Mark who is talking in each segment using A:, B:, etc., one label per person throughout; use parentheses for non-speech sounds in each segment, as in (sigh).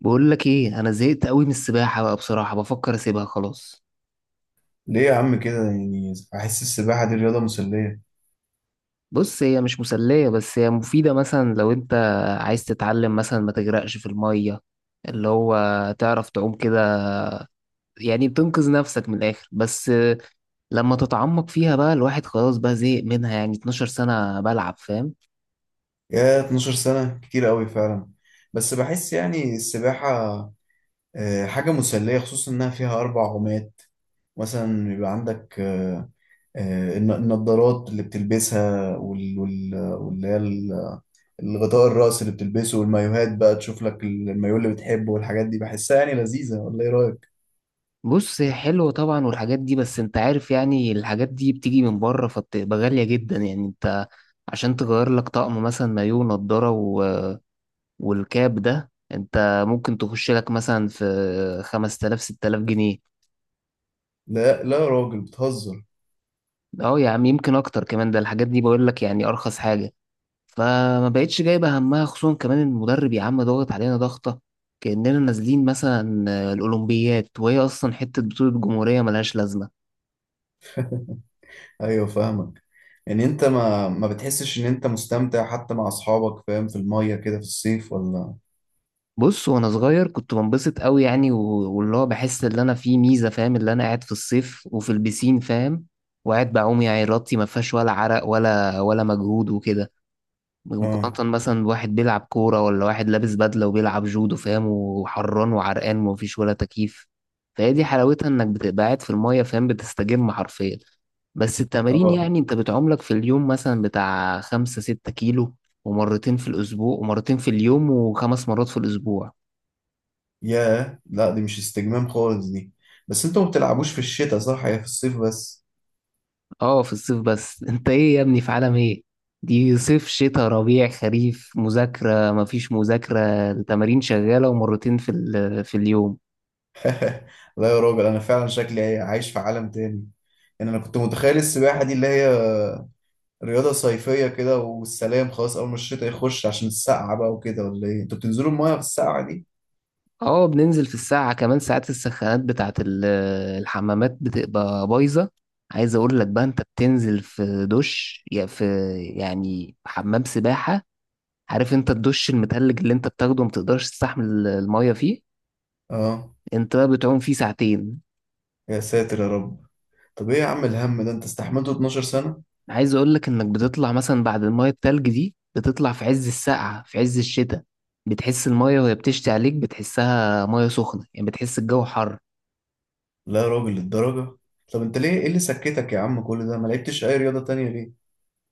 A: بقول لك ايه؟ انا زهقت قوي من السباحه بقى، بصراحه بفكر اسيبها خلاص.
B: ليه يا عم كده؟ يعني بحس السباحة دي رياضة مسلية.
A: بص، هي مش مسليه بس هي مفيده. مثلا لو انت عايز تتعلم، مثلا ما تغرقش في الميه، اللي هو تعرف تعوم كده، يعني بتنقذ نفسك من الاخر بس. لما تتعمق فيها بقى، الواحد خلاص بقى زهق منها، يعني 12 سنه بلعب، فاهم؟
B: يا 12 سنة كتير قوي فعلا. بس بحس يعني السباحة حاجة مسلية، خصوصا إنها فيها أربع عومات. مثلا بيبقى عندك النضارات اللي بتلبسها، الغطاء الرأس اللي بتلبسه، والمايوهات. بقى تشوف لك المايوه اللي بتحبه، والحاجات دي بحسها يعني لذيذة، ولا إيه رأيك؟
A: بص، هي حلوه طبعا والحاجات دي، بس انت عارف يعني الحاجات دي بتيجي من بره، فبتبقى غاليه جدا. يعني انت عشان تغير لك طقم، مثلا مايو نضاره والكاب ده، انت ممكن تخش لك مثلا في 5000 6000 جنيه.
B: لا لا يا راجل، بتهزر.
A: اه يا عم، يمكن اكتر كمان. ده الحاجات دي بقول لك يعني ارخص حاجة. فما بقتش جايبة همها. خصوصا كمان المدرب يا عم ضاغط علينا ضغطة كأننا نازلين مثلا الأولمبيات، وهي أصلا حتة بطولة جمهورية ملهاش لازمة.
B: ايوه فاهمك. يعني انت ما بتحسش ان انت مستمتع حتى مع اصحابك، فاهم، في المية كده في الصيف، ولا؟
A: بص، وأنا صغير كنت بنبسط قوي يعني، و- واللي هو بحس إن أنا في ميزة، فاهم؟ اللي أنا قاعد في الصيف وفي البسين، فاهم؟ وقاعد بعوم، يعني رطي ما فيهاش ولا عرق ولا مجهود وكده.
B: اه.
A: مقارنة مثلا بواحد بيلعب كورة ولا واحد لابس بدلة وبيلعب جودو، فاهم؟ وحران وعرقان ومفيش ولا تكييف. فهي دي حلاوتها، انك بتبقى قاعد في المية، فاهم؟ بتستجم حرفيا. بس التمارين،
B: اه.
A: يعني انت بتعملك في اليوم مثلا بتاع خمسة ستة كيلو ومرتين في الأسبوع ومرتين في اليوم وخمس مرات في الأسبوع.
B: ياه، لا دي مش استجمام خالص دي. بس انتوا ما بتلعبوش في الشتاء، صح؟ هي في الصيف بس.
A: اه في الصيف بس. (laughs) انت ايه يا ابني؟ في عالم ايه؟ دي صيف شتاء ربيع خريف، مذاكرة مفيش مذاكرة، التمارين شغالة ومرتين في اليوم.
B: لا يا راجل، انا فعلا شكلي إيه، عايش في عالم تاني. يعني انا كنت متخيل السباحة دي اللي هي رياضة صيفية كده والسلام، خلاص أول ما الشتاء يخش عشان السقعة بقى وكده، ولا إيه؟ أنتوا بتنزلوا المايه في السقعة دي؟
A: اه، بننزل في الساعة. كمان ساعات السخانات بتاعت الحمامات بتبقى بايظة. عايز اقول لك بقى، انت بتنزل في دش يا في، يعني حمام سباحة. عارف انت الدش المتلج اللي انت بتاخده ما بتقدرش تستحمل المية فيه؟
B: آه.
A: انت بقى بتعوم فيه ساعتين.
B: يا ساتر يا رب، طب إيه يا عم الهم ده أنت استحملته 12 سنة؟
A: عايز اقول لك انك بتطلع مثلا بعد المية التلج دي، بتطلع في عز السقعة في عز الشتاء، بتحس المية وهي بتشتي عليك بتحسها مية سخنة، يعني بتحس الجو حر.
B: لا يا راجل، للدرجة؟ طب انت ليه، ايه اللي سكتك يا عم كل ده، ما لعبتش اي رياضة تانية ليه؟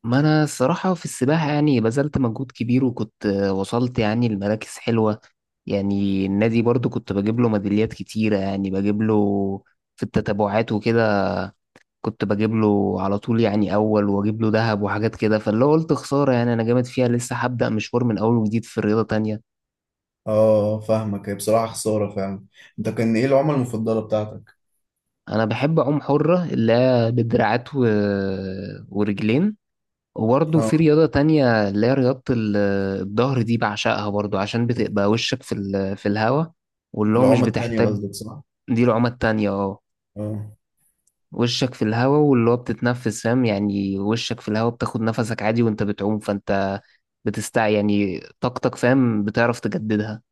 A: ما انا الصراحة في السباحة يعني بذلت مجهود كبير، وكنت وصلت يعني لمراكز حلوة. يعني النادي برضو كنت بجيب له ميداليات كتيرة، يعني بجيب له في التتابعات وكده. كنت بجيب له على طول يعني، اول واجيب له ذهب وحاجات كده، فاللي هو قلت خسارة، يعني انا جامد فيها لسه، هبدأ مشوار من اول وجديد في رياضة تانية.
B: اه فاهمك، هي بصراحة خسارة فعلا. انت كان ايه العمى المفضلة بتاعتك؟
A: انا بحب اعوم حرة، اللي هي بدراعات ورجلين. وبرضه في
B: اه
A: رياضة تانية، اللي هي رياضة الظهر، دي بعشقها برضه عشان بتبقى وشك في الهوا، واللي هو مش
B: العمى التانية،
A: بتحتاج.
B: قصدك صح؟
A: دي العمى التانية اه.
B: اه.
A: وشك في الهوا، واللي هو بتتنفس، فاهم؟ يعني وشك في الهوا بتاخد نفسك عادي وانت بتعوم، فانت بتستع يعني طاقتك، فاهم؟ بتعرف تجددها.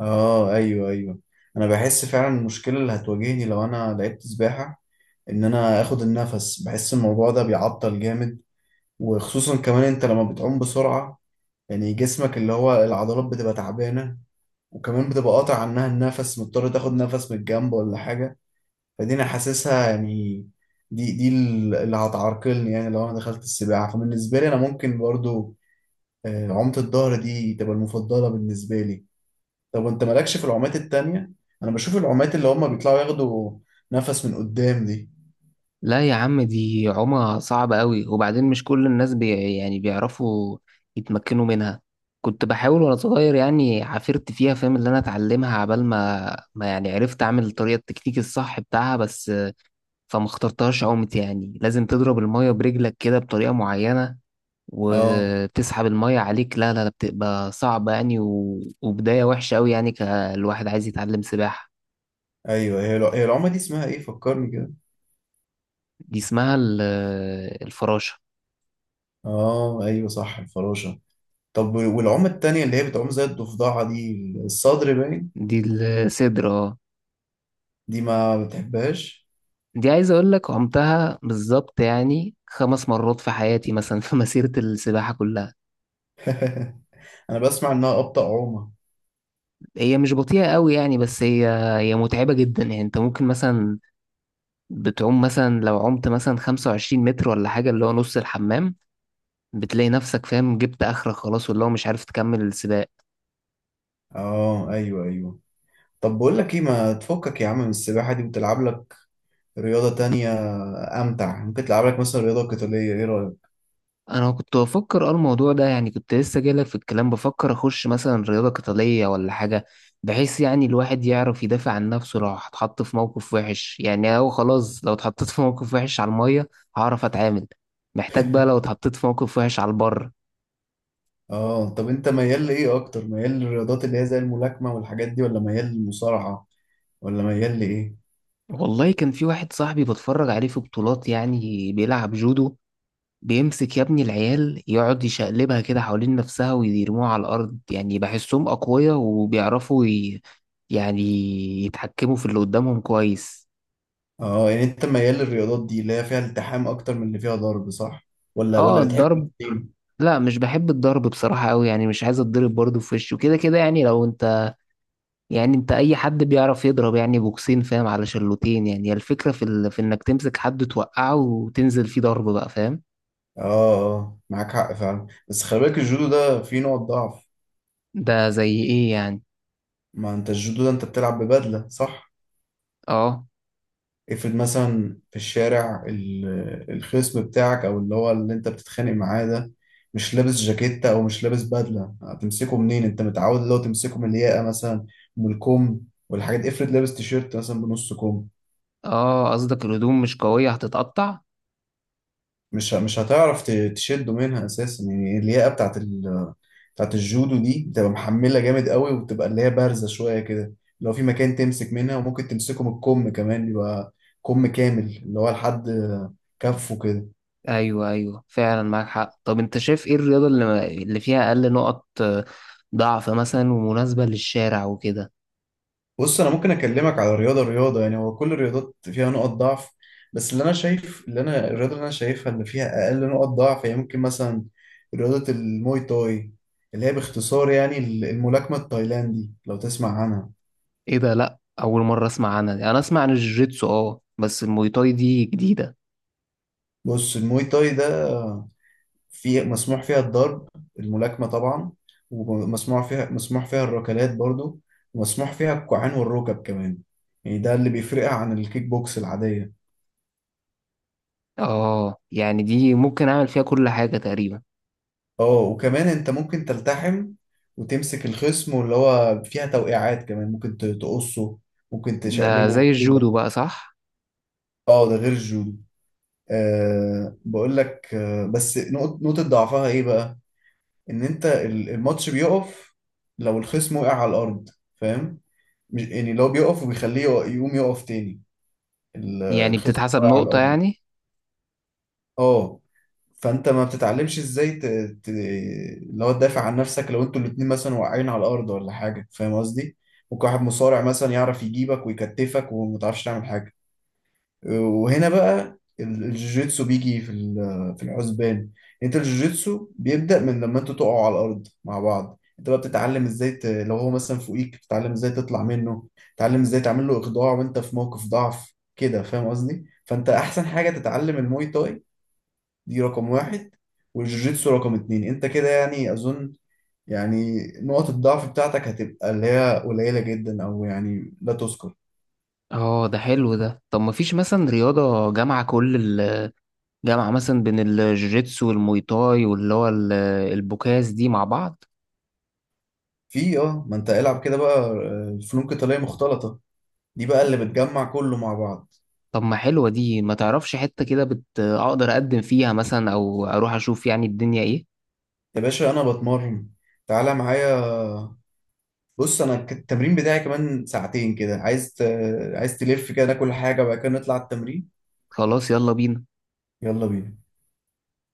B: اه ايوه ايوه. انا بحس فعلا المشكلة اللي هتواجهني لو انا لعبت سباحة، ان انا اخد النفس. بحس الموضوع ده بيعطل جامد، وخصوصا كمان انت لما بتعوم بسرعة، يعني جسمك اللي هو العضلات بتبقى تعبانة، وكمان بتبقى قاطع عنها النفس، مضطر تاخد نفس من الجنب ولا حاجة. فدي انا حاسسها، يعني دي اللي هتعرقلني، يعني لو انا دخلت السباحه. فبالنسبه لي انا ممكن برضو عومه الظهر دي تبقى المفضله بالنسبه لي. طب انت مالكش في العومات التانية؟ انا بشوف العومات اللي هم بيطلعوا ياخدوا نفس من قدام دي.
A: لا يا عم، دي عومة صعبة قوي، وبعدين مش كل الناس يعني بيعرفوا يتمكنوا منها. كنت بحاول وانا صغير يعني، عافرت فيها فاهم، اللي انا اتعلمها عبال ما يعني عرفت اعمل الطريقة التكتيك الصح بتاعها بس. فما اخترتهاش عومة. يعني لازم تضرب المية برجلك كده بطريقة معينة
B: اه
A: وتسحب المية عليك، لا لا لا، بتبقى صعبة يعني وبداية وحشة قوي، يعني كالواحد عايز يتعلم سباحة.
B: ايوه، هي العومه دي اسمها ايه، فكرني كده؟
A: دي اسمها الفراشة.
B: اه ايوه صح، الفراشه. طب والعومه التانية اللي هي بتعوم زي الضفدعه دي، الصدر، باين
A: دي الصدر اه.
B: دي ما بتحبهاش.
A: دي عايز اقول لك عمتها بالظبط يعني خمس مرات في حياتي مثلا، في (laughs) مسيرة السباحة كلها.
B: انا بسمع انها ابطأ عومه.
A: هي مش بطيئة قوي يعني، بس هي متعبة جدا. يعني انت ممكن مثلا بتعوم مثلا، لو عمت مثلا 25 متر ولا حاجة، اللي هو نص الحمام، بتلاقي نفسك فاهم جبت اخرك خلاص، واللي هو مش عارف تكمل السباق.
B: اه ايوه ايوه. طب بقول لك ايه، ما تفكك يا عم من السباحة دي وتلعب لك رياضة تانية أمتع؟ ممكن تلعب لك مثلا رياضة قتالية، ايه رأيك؟
A: انا كنت بفكر الموضوع ده، يعني كنت لسه جايلك في الكلام بفكر اخش مثلا رياضة قتالية ولا حاجة، بحيث يعني الواحد يعرف يدافع عن نفسه لو اتحط في موقف وحش. يعني هو خلاص لو اتحطيت في موقف وحش على المية هعرف اتعامل، محتاج بقى لو اتحطيت في موقف وحش على البر.
B: اه، طب انت ميال لإيه أكتر؟ ميال للرياضات اللي هي زي الملاكمة والحاجات دي، ولا ميال للمصارعة، ولا ميال لإيه؟
A: والله، كان في واحد صاحبي بتفرج عليه في بطولات، يعني بيلعب جودو. بيمسك يا ابني العيال يقعد يشقلبها كده حوالين نفسها ويرموها على الأرض، يعني بحسهم أقوياء وبيعرفوا يعني يتحكموا في اللي قدامهم كويس.
B: اه، يعني انت ميال للرياضات دي اللي هي فيها التحام أكتر من اللي فيها ضرب، صح؟ ولا
A: اه
B: بتحب
A: الضرب،
B: الاتنين؟
A: لا مش بحب الضرب بصراحة أوي، يعني مش عايز اتضرب برضه في وشه كده كده. يعني لو انت يعني انت أي حد بيعرف يضرب يعني بوكسين فاهم على شلوتين، يعني هي الفكرة في إنك تمسك حد توقعه وتنزل فيه ضرب بقى، فاهم؟
B: اه. اه معاك حق فعلا، بس خلي بالك الجودو ده فيه نوع ضعف.
A: ده زي إيه يعني؟
B: ما انت الجودو ده انت بتلعب ببدلة، صح؟
A: اه
B: افرض مثلا في الشارع، الخصم بتاعك او اللي هو اللي انت بتتخانق معاه ده مش لابس جاكيتة، او مش لابس بدلة، هتمسكه منين؟ انت متعود اللي هو تمسكه من الياقة مثلا، من الكم والحاجات دي. افرض لابس تيشيرت مثلا بنص كم،
A: اه، قصدك الهدوم مش قوية هتتقطع.
B: مش هتعرف تشده منها اساسا. يعني الياقة بتاعت بتاعت الجودو دي بتبقى محملة جامد قوي، وبتبقى اللي هي بارزة شوية كده، لو في مكان تمسك منها. وممكن تمسكه من الكم كمان، يبقى كم كامل اللي هو لحد كفه كده.
A: ايوه ايوه فعلا معاك حق. طب انت شايف ايه الرياضة اللي فيها اقل نقط ضعف مثلا ومناسبة للشارع وكده؟
B: بص انا ممكن اكلمك على رياضه رياضه، يعني هو كل الرياضات فيها نقط ضعف، بس اللي انا شايف، اللي انا الرياضه اللي انا شايفها اللي فيها اقل نقط ضعف، هي ممكن مثلا رياضه الموي تاي، اللي هي باختصار يعني الملاكمه التايلاندي، لو تسمع عنها.
A: ايه ده؟ لا، اول مرة اسمع عنها دي. انا اسمع عن الجوجيتسو اه، بس الموي تاي دي جديدة.
B: بص الموي تاي ده في مسموح فيها الضرب، الملاكمه طبعا، ومسموح فيها الركلات برضو، ومسموح فيها الكوعين والركب كمان. يعني ده اللي بيفرقها عن الكيك بوكس العاديه.
A: اه يعني دي ممكن اعمل فيها كل حاجة تقريبا.
B: اه وكمان انت ممكن تلتحم، وتمسك الخصم، واللي هو فيها توقيعات كمان، ممكن تقصه، ممكن
A: ده
B: تشقلبه
A: زي
B: كده.
A: الجودو بقى صح؟
B: اه ده غير الجودو. أه، بقول لك بس نقطة ضعفها ايه بقى؟ ان انت الماتش بيقف لو الخصم وقع على الارض، فاهم؟ يعني لو بيقف، وبيخليه يقوم يقف تاني.
A: يعني
B: الخصم
A: بتتحسب
B: وقع على
A: نقطة
B: الارض.
A: يعني.
B: اه. فانت ما بتتعلمش ازاي اللي هو تدافع عن نفسك، لو انتوا الاتنين مثلا واقعين على الارض ولا حاجه، فاهم قصدي؟ ممكن واحد مصارع مثلا يعرف يجيبك ويكتفك، وما تعرفش تعمل حاجه. وهنا بقى الجوجيتسو بيجي في في الحسبان. انت الجوجيتسو بيبدأ من لما انتوا تقعوا على الارض مع بعض. انت بقى بتتعلم ازاي لو هو مثلا فوقيك، بتتعلم ازاي تطلع منه، تتعلم ازاي تعمل له اخضاع وانت في موقف ضعف كده، فاهم قصدي؟ فانت احسن حاجه تتعلم الموي تاي، دي رقم واحد، والجوجيتسو رقم اتنين. انت كده يعني اظن يعني نقط الضعف بتاعتك هتبقى اللي هي قليلة جدا، او يعني لا تذكر.
A: اه ده حلو ده. طب ما فيش مثلا رياضة جامعة، كل الجامعة مثلا، بين الجوجيتسو والموي تاي واللي هو البوكاس دي مع بعض؟
B: في اه، ما انت العب كده بقى فنون قتالية مختلطة، دي بقى اللي بتجمع كله مع بعض.
A: طب ما حلوة دي، ما تعرفش حتة كده اقدر اقدم فيها مثلا، او اروح اشوف يعني الدنيا ايه؟
B: يا باشا انا بتمرن، تعالى معايا. بص انا التمرين بتاعي كمان ساعتين كده، عايز عايز تلف كده، ناكل حاجة وبعد كده نطلع التمرين.
A: خلاص يلا بينا.
B: يلا بينا.